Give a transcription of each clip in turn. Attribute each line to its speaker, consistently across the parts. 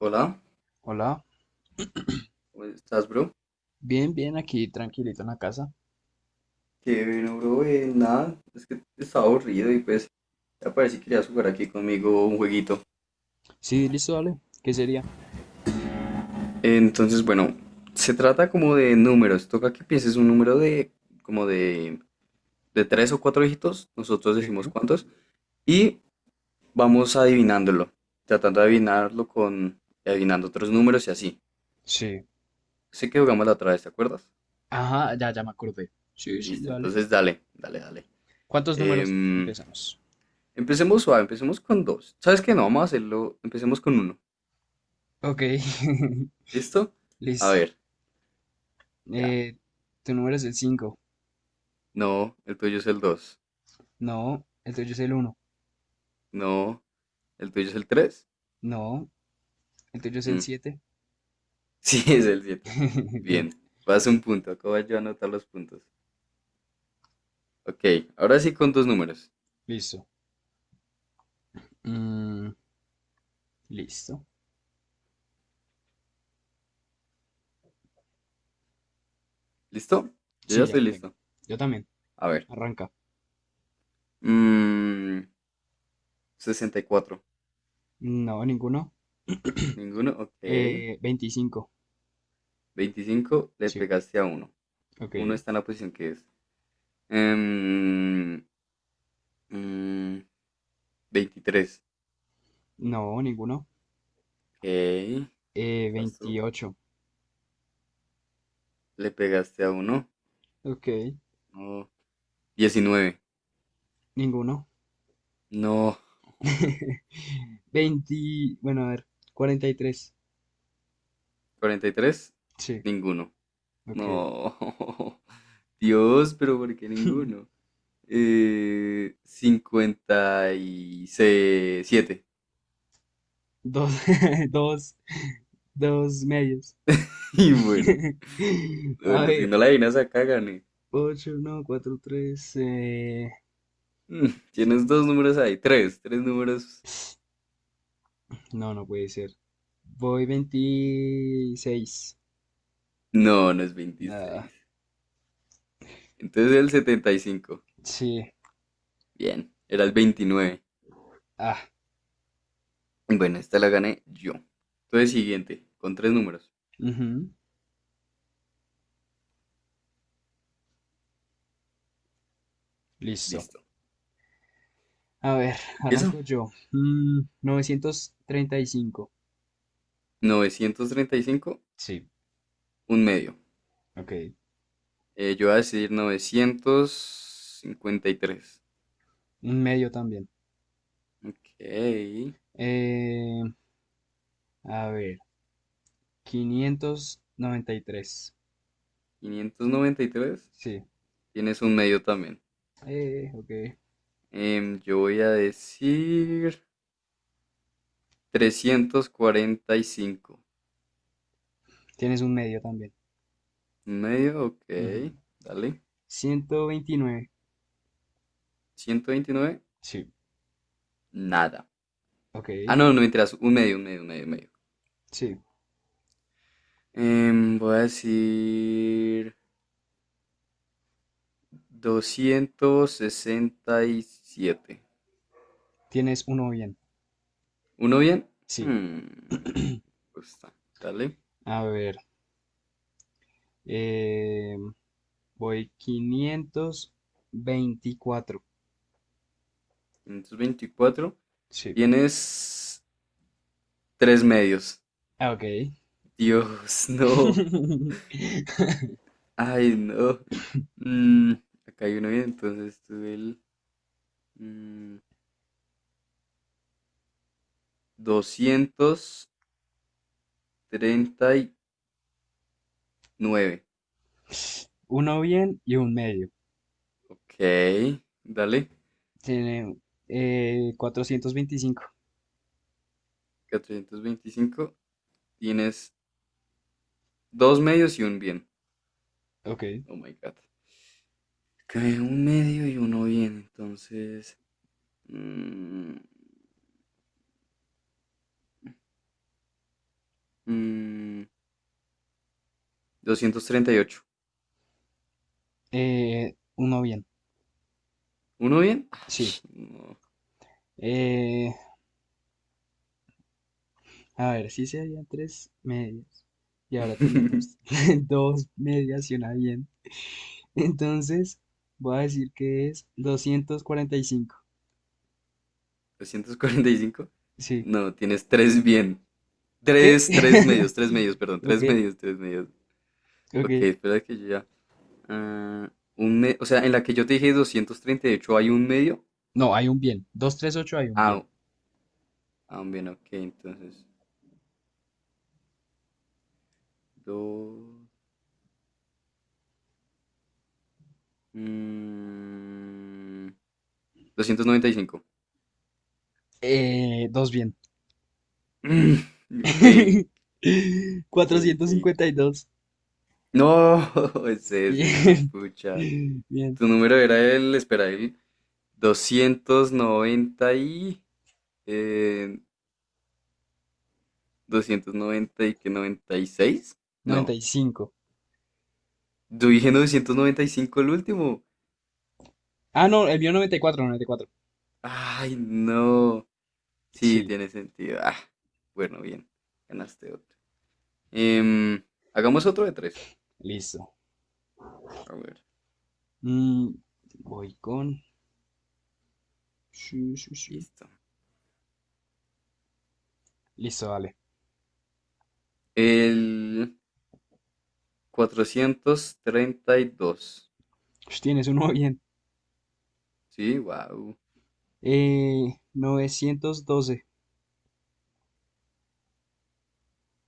Speaker 1: Hola,
Speaker 2: Hola,
Speaker 1: ¿cómo estás, bro?
Speaker 2: bien, bien, aquí tranquilito en la casa.
Speaker 1: Qué bueno, bro, nada, es que estaba aburrido y pues ya parece que querías jugar aquí conmigo un jueguito.
Speaker 2: Sí, listo, dale. ¿Qué sería?
Speaker 1: Entonces, bueno, se trata como de números, toca que pienses un número de como de tres o cuatro dígitos, nosotros
Speaker 2: Sí,
Speaker 1: decimos cuántos, y vamos adivinándolo, tratando de
Speaker 2: ok.
Speaker 1: adivinarlo con adivinando otros números y así.
Speaker 2: Sí.
Speaker 1: Sé que jugamos la otra vez, ¿te acuerdas?
Speaker 2: Ajá, ya me acordé. Sí, sí,
Speaker 1: Listo,
Speaker 2: dale.
Speaker 1: entonces dale, dale, dale.
Speaker 2: ¿Cuántos números
Speaker 1: Em,
Speaker 2: empezamos?
Speaker 1: Empecemos suave, empecemos con dos. ¿Sabes qué? No, vamos a hacerlo, empecemos con uno.
Speaker 2: Ok,
Speaker 1: ¿Listo? A
Speaker 2: listo.
Speaker 1: ver, ya.
Speaker 2: Eh, Tu número es el 5.
Speaker 1: No, el tuyo es el dos.
Speaker 2: No, el tuyo es el uno.
Speaker 1: No, el tuyo es el 3.
Speaker 2: No, el tuyo es el siete.
Speaker 1: Sí, es el siete.
Speaker 2: Bien,
Speaker 1: Bien, vas un punto. Acabo yo a anotar los puntos. Ok, ahora sí con dos números.
Speaker 2: listo. Mm, Listo.
Speaker 1: ¿Listo? Yo ya
Speaker 2: Sí, ya
Speaker 1: estoy
Speaker 2: lo tengo.
Speaker 1: listo.
Speaker 2: Yo también.
Speaker 1: A ver.
Speaker 2: Arranca.
Speaker 1: mm, 64.
Speaker 2: No, ninguno.
Speaker 1: Ninguno, ok.
Speaker 2: Veinticinco.
Speaker 1: 25, le
Speaker 2: Sí,
Speaker 1: pegaste a uno.
Speaker 2: ok.
Speaker 1: Uno está en la posición que es. Em, mm, 23.
Speaker 2: No, ninguno.
Speaker 1: Ok, vas tú.
Speaker 2: 28.
Speaker 1: Le pegaste a uno.
Speaker 2: Ok,
Speaker 1: No, 19.
Speaker 2: ninguno.
Speaker 1: No.
Speaker 2: 20, bueno, a ver, cuarenta y tres.
Speaker 1: 43.
Speaker 2: Sí,
Speaker 1: Ninguno.
Speaker 2: ok.
Speaker 1: No. Dios, pero ¿por qué ninguno? 57. Y siete.
Speaker 2: Dos, dos, dos medios.
Speaker 1: Y bueno,
Speaker 2: A
Speaker 1: bueno, si
Speaker 2: ver,
Speaker 1: no la adivinas acá, gané.
Speaker 2: 8 no, 4 3
Speaker 1: Tienes
Speaker 2: cinco.
Speaker 1: dos números ahí, tres, tres números.
Speaker 2: No, no puede ser. Voy veintiséis.
Speaker 1: No, no es
Speaker 2: Ah,
Speaker 1: 26. Entonces el 75.
Speaker 2: sí.
Speaker 1: Bien, era el 29.
Speaker 2: Ah,
Speaker 1: Bueno, esta la gané yo. Entonces siguiente, con tres números.
Speaker 2: ujú. Listo.
Speaker 1: Listo.
Speaker 2: A ver,
Speaker 1: Empieza.
Speaker 2: arranco yo. Novecientos treinta y cinco.
Speaker 1: 935.
Speaker 2: Sí,
Speaker 1: Un medio.
Speaker 2: ok,
Speaker 1: Yo voy a decir 953.
Speaker 2: un medio también.
Speaker 1: Ok.
Speaker 2: Eh, a ver, Quinientos noventa y tres.
Speaker 1: 593.
Speaker 2: Sí,
Speaker 1: Tienes un medio también.
Speaker 2: ok.
Speaker 1: Yo voy a decir 345.
Speaker 2: Tienes un medio también.
Speaker 1: Un medio, ok.
Speaker 2: Ujú.
Speaker 1: Dale.
Speaker 2: Ciento veintinueve.
Speaker 1: 129.
Speaker 2: Sí,
Speaker 1: Nada.
Speaker 2: ok,
Speaker 1: Ah, no, no mentiras. Un medio, un medio, un medio, un medio.
Speaker 2: sí.
Speaker 1: Voy a decir 267.
Speaker 2: Tienes uno bien.
Speaker 1: ¿Uno bien?
Speaker 2: Sí,
Speaker 1: Hmm, pues está. Dale.
Speaker 2: a ver. eh, Voy quinientos veinticuatro.
Speaker 1: 524.
Speaker 2: Sí,
Speaker 1: Tienes tres medios.
Speaker 2: ok.
Speaker 1: Dios, no. Ay, no. Mm, acá hay uno bien, entonces tuve el mm, 239.
Speaker 2: Uno bien y un medio.
Speaker 1: Ok, dale.
Speaker 2: Tiene 425.
Speaker 1: 425. Tienes dos medios y un bien.
Speaker 2: Ok.
Speaker 1: Oh my God. Que un medio y uno bien, entonces. mm, mm, 238.
Speaker 2: Uno bien,
Speaker 1: ¿Uno bien?
Speaker 2: sí.
Speaker 1: Ay, no.
Speaker 2: Eh, a ver, sí serían tres medias. Y ahora tenemos dos medias y una bien. Entonces, voy a decir que es doscientos cuarenta y cinco.
Speaker 1: ¿345?
Speaker 2: Sí.
Speaker 1: No, tienes tres bien.
Speaker 2: ¿Qué?
Speaker 1: Tres, tres medios, perdón,
Speaker 2: Ok,
Speaker 1: tres medios, tres medios. Ok,
Speaker 2: ok.
Speaker 1: espera que yo ya. ah, o sea, en la que yo te dije 238 hay un medio.
Speaker 2: No, hay un bien. Doscientos treinta y ocho hay un
Speaker 1: Ah,
Speaker 2: bien.
Speaker 1: ah, bien, ok, entonces. Dos. mm, 295.
Speaker 2: Dos bien.
Speaker 1: Ok, ok,
Speaker 2: Cuatrocientos
Speaker 1: ok.
Speaker 2: cincuenta y dos.
Speaker 1: No, ese, güey, pucha.
Speaker 2: Bien. Bien.
Speaker 1: Tu número era el, espera, el 290 y eh, 290 y que noventa y seis.
Speaker 2: Noventa
Speaker 1: No,
Speaker 2: y cinco.
Speaker 1: yo dije 995 el último.
Speaker 2: Ah, no, el mío noventa y cuatro, noventa y cuatro.
Speaker 1: Ay, no. Sí,
Speaker 2: Sí,
Speaker 1: tiene sentido. Ah, bueno, bien. Ganaste otro. Em, hagamos otro de tres.
Speaker 2: listo.
Speaker 1: A ver,
Speaker 2: Mm, Voy con... shu, shu, shu.
Speaker 1: listo.
Speaker 2: Listo, vale.
Speaker 1: El 432.
Speaker 2: Tienes uno bien.
Speaker 1: Sí, wow.
Speaker 2: Novecientos doce.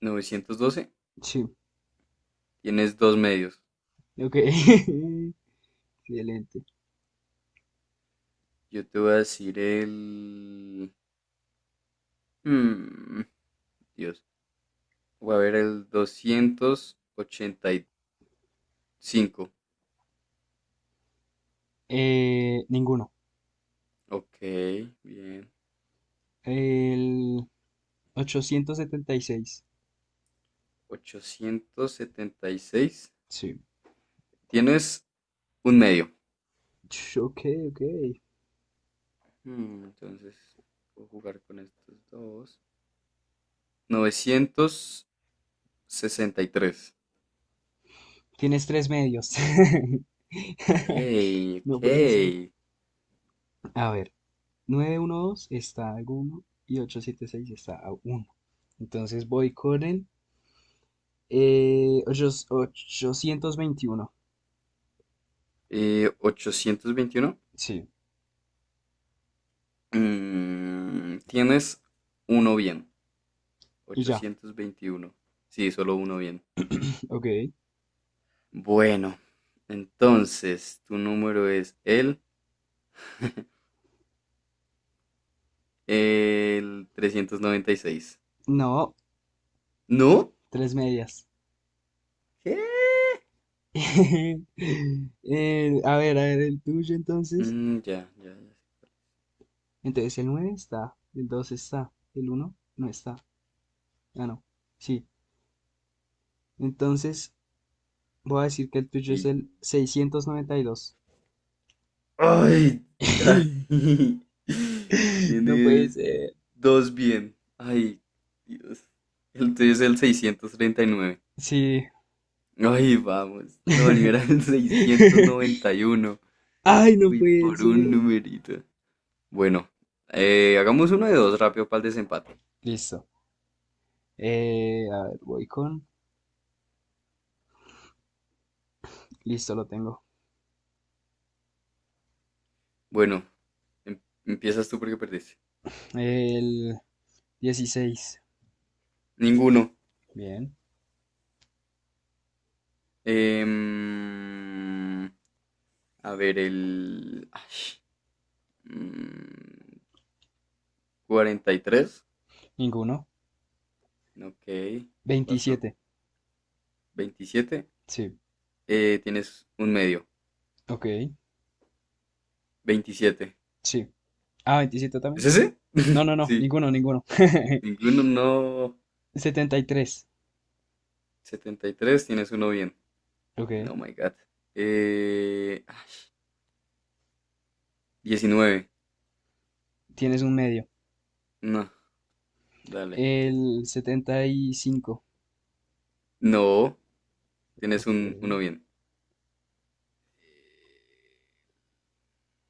Speaker 1: 912.
Speaker 2: Sí,
Speaker 1: Tienes dos medios.
Speaker 2: ok. Excelente.
Speaker 1: Yo te voy a decir el. Mm, Dios. Voy a ver el 285.
Speaker 2: Ninguno.
Speaker 1: Ok, bien.
Speaker 2: El 876.
Speaker 1: 876.
Speaker 2: Sí.
Speaker 1: Tienes un medio.
Speaker 2: Ok, ok.
Speaker 1: Entonces, puedo jugar con estos dos. 963.
Speaker 2: Tienes tres medios.
Speaker 1: Ok,
Speaker 2: No puede ser.
Speaker 1: ok.
Speaker 2: A ver, 912 está a uno y 876 está a uno. Entonces voy con el ochocientos veintiuno.
Speaker 1: 821.
Speaker 2: Sí.
Speaker 1: Tienes uno bien.
Speaker 2: Y ya.
Speaker 1: 821. Sí, solo uno bien.
Speaker 2: Ok.
Speaker 1: Bueno, entonces, tu número es el, el 396.
Speaker 2: No,
Speaker 1: ¿No?
Speaker 2: tres medias.
Speaker 1: ¿Qué?
Speaker 2: A ver, a ver, el tuyo entonces.
Speaker 1: Ya, ya, ya.
Speaker 2: Entonces el 9 está, el 2 está, el uno no está. Ah, no. Sí. Entonces voy a decir que el tuyo es
Speaker 1: Y.
Speaker 2: el seiscientos noventa y dos.
Speaker 1: Ay, casi.
Speaker 2: No puede
Speaker 1: Tienes
Speaker 2: ser.
Speaker 1: dos bien. Ay, Dios. El tuyo es el 639.
Speaker 2: Sí.
Speaker 1: Ay, vamos. No, el mío era el 691.
Speaker 2: Ay, no
Speaker 1: Uy,
Speaker 2: puede
Speaker 1: por un
Speaker 2: ser.
Speaker 1: numerito. Bueno, hagamos uno de dos rápido para el desempate.
Speaker 2: Listo. A ver, voy con... Listo, lo tengo.
Speaker 1: Bueno, em- empiezas tú porque perdiste.
Speaker 2: El dieciséis.
Speaker 1: Ninguno.
Speaker 2: Bien.
Speaker 1: Em, a ver, el. Ay, mm, 43.
Speaker 2: Ninguno.
Speaker 1: Ok. Vas tú.
Speaker 2: Veintisiete.
Speaker 1: 27.
Speaker 2: Sí.
Speaker 1: Tienes un medio.
Speaker 2: Ok.
Speaker 1: 27,
Speaker 2: Sí. Ah, veintisiete
Speaker 1: ¿es
Speaker 2: también.
Speaker 1: ese?
Speaker 2: No, no, no.
Speaker 1: Sí.
Speaker 2: Ninguno, ninguno.
Speaker 1: Ninguno, no.
Speaker 2: Setenta y tres.
Speaker 1: 73. Tienes uno bien.
Speaker 2: Ok.
Speaker 1: No, my God. Ay, 19.
Speaker 2: Tienes un medio.
Speaker 1: No, dale.
Speaker 2: El 75.
Speaker 1: No, tienes
Speaker 2: Ok.
Speaker 1: un uno bien.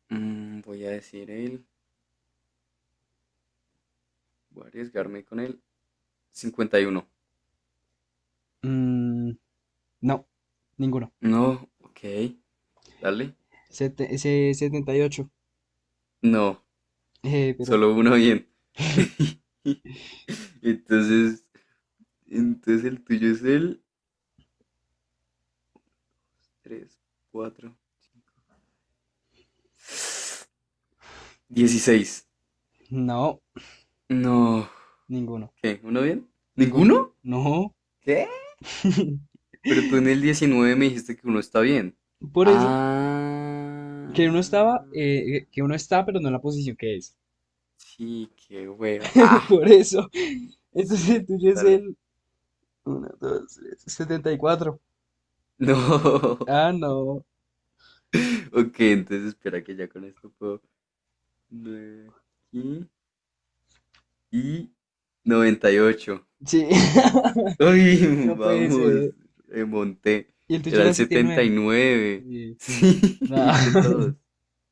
Speaker 1: Voy a decir él. Voy a arriesgarme con él. 51.
Speaker 2: Mm, no. Ninguno.
Speaker 1: No, ok. Dale.
Speaker 2: Ese 78.
Speaker 1: No,
Speaker 2: Eh, pero.
Speaker 1: solo uno bien. Entonces, el tuyo es el 3 4 5, 16.
Speaker 2: No.
Speaker 1: No.
Speaker 2: Ninguno.
Speaker 1: ¿Qué? ¿Uno bien?
Speaker 2: Ninguno.
Speaker 1: ¿Ninguno?
Speaker 2: No.
Speaker 1: ¿Qué? Pero tú en el 19 me dijiste que uno está bien.
Speaker 2: Por eso. Que uno
Speaker 1: Ah.
Speaker 2: estaba. Que uno está, pero no en la posición que es.
Speaker 1: Sí, qué hueva. Ah,
Speaker 2: Por eso. Entonces el
Speaker 1: sí.
Speaker 2: tuyo es
Speaker 1: Dale.
Speaker 2: el 1, 2, 3, 74.
Speaker 1: No.
Speaker 2: Ah, no.
Speaker 1: Ok, entonces espera que ya con esto puedo. Nueve y, 98.
Speaker 2: Sí.
Speaker 1: Uy,
Speaker 2: No puede
Speaker 1: vamos,
Speaker 2: ser.
Speaker 1: remonté.
Speaker 2: ¿Y el tuyo
Speaker 1: Era
Speaker 2: era
Speaker 1: el
Speaker 2: setenta y
Speaker 1: setenta y
Speaker 2: nueve?
Speaker 1: nueve.
Speaker 2: Sí.
Speaker 1: Sí,
Speaker 2: No.
Speaker 1: viste todos.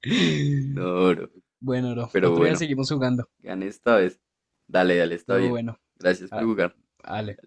Speaker 1: No, bro.
Speaker 2: Bueno, bro.
Speaker 1: Pero
Speaker 2: Otro día
Speaker 1: bueno,
Speaker 2: seguimos jugando.
Speaker 1: gané esta vez. Dale, dale, está
Speaker 2: Todo
Speaker 1: bien.
Speaker 2: bueno.
Speaker 1: Gracias por
Speaker 2: Ah,
Speaker 1: jugar.
Speaker 2: vale.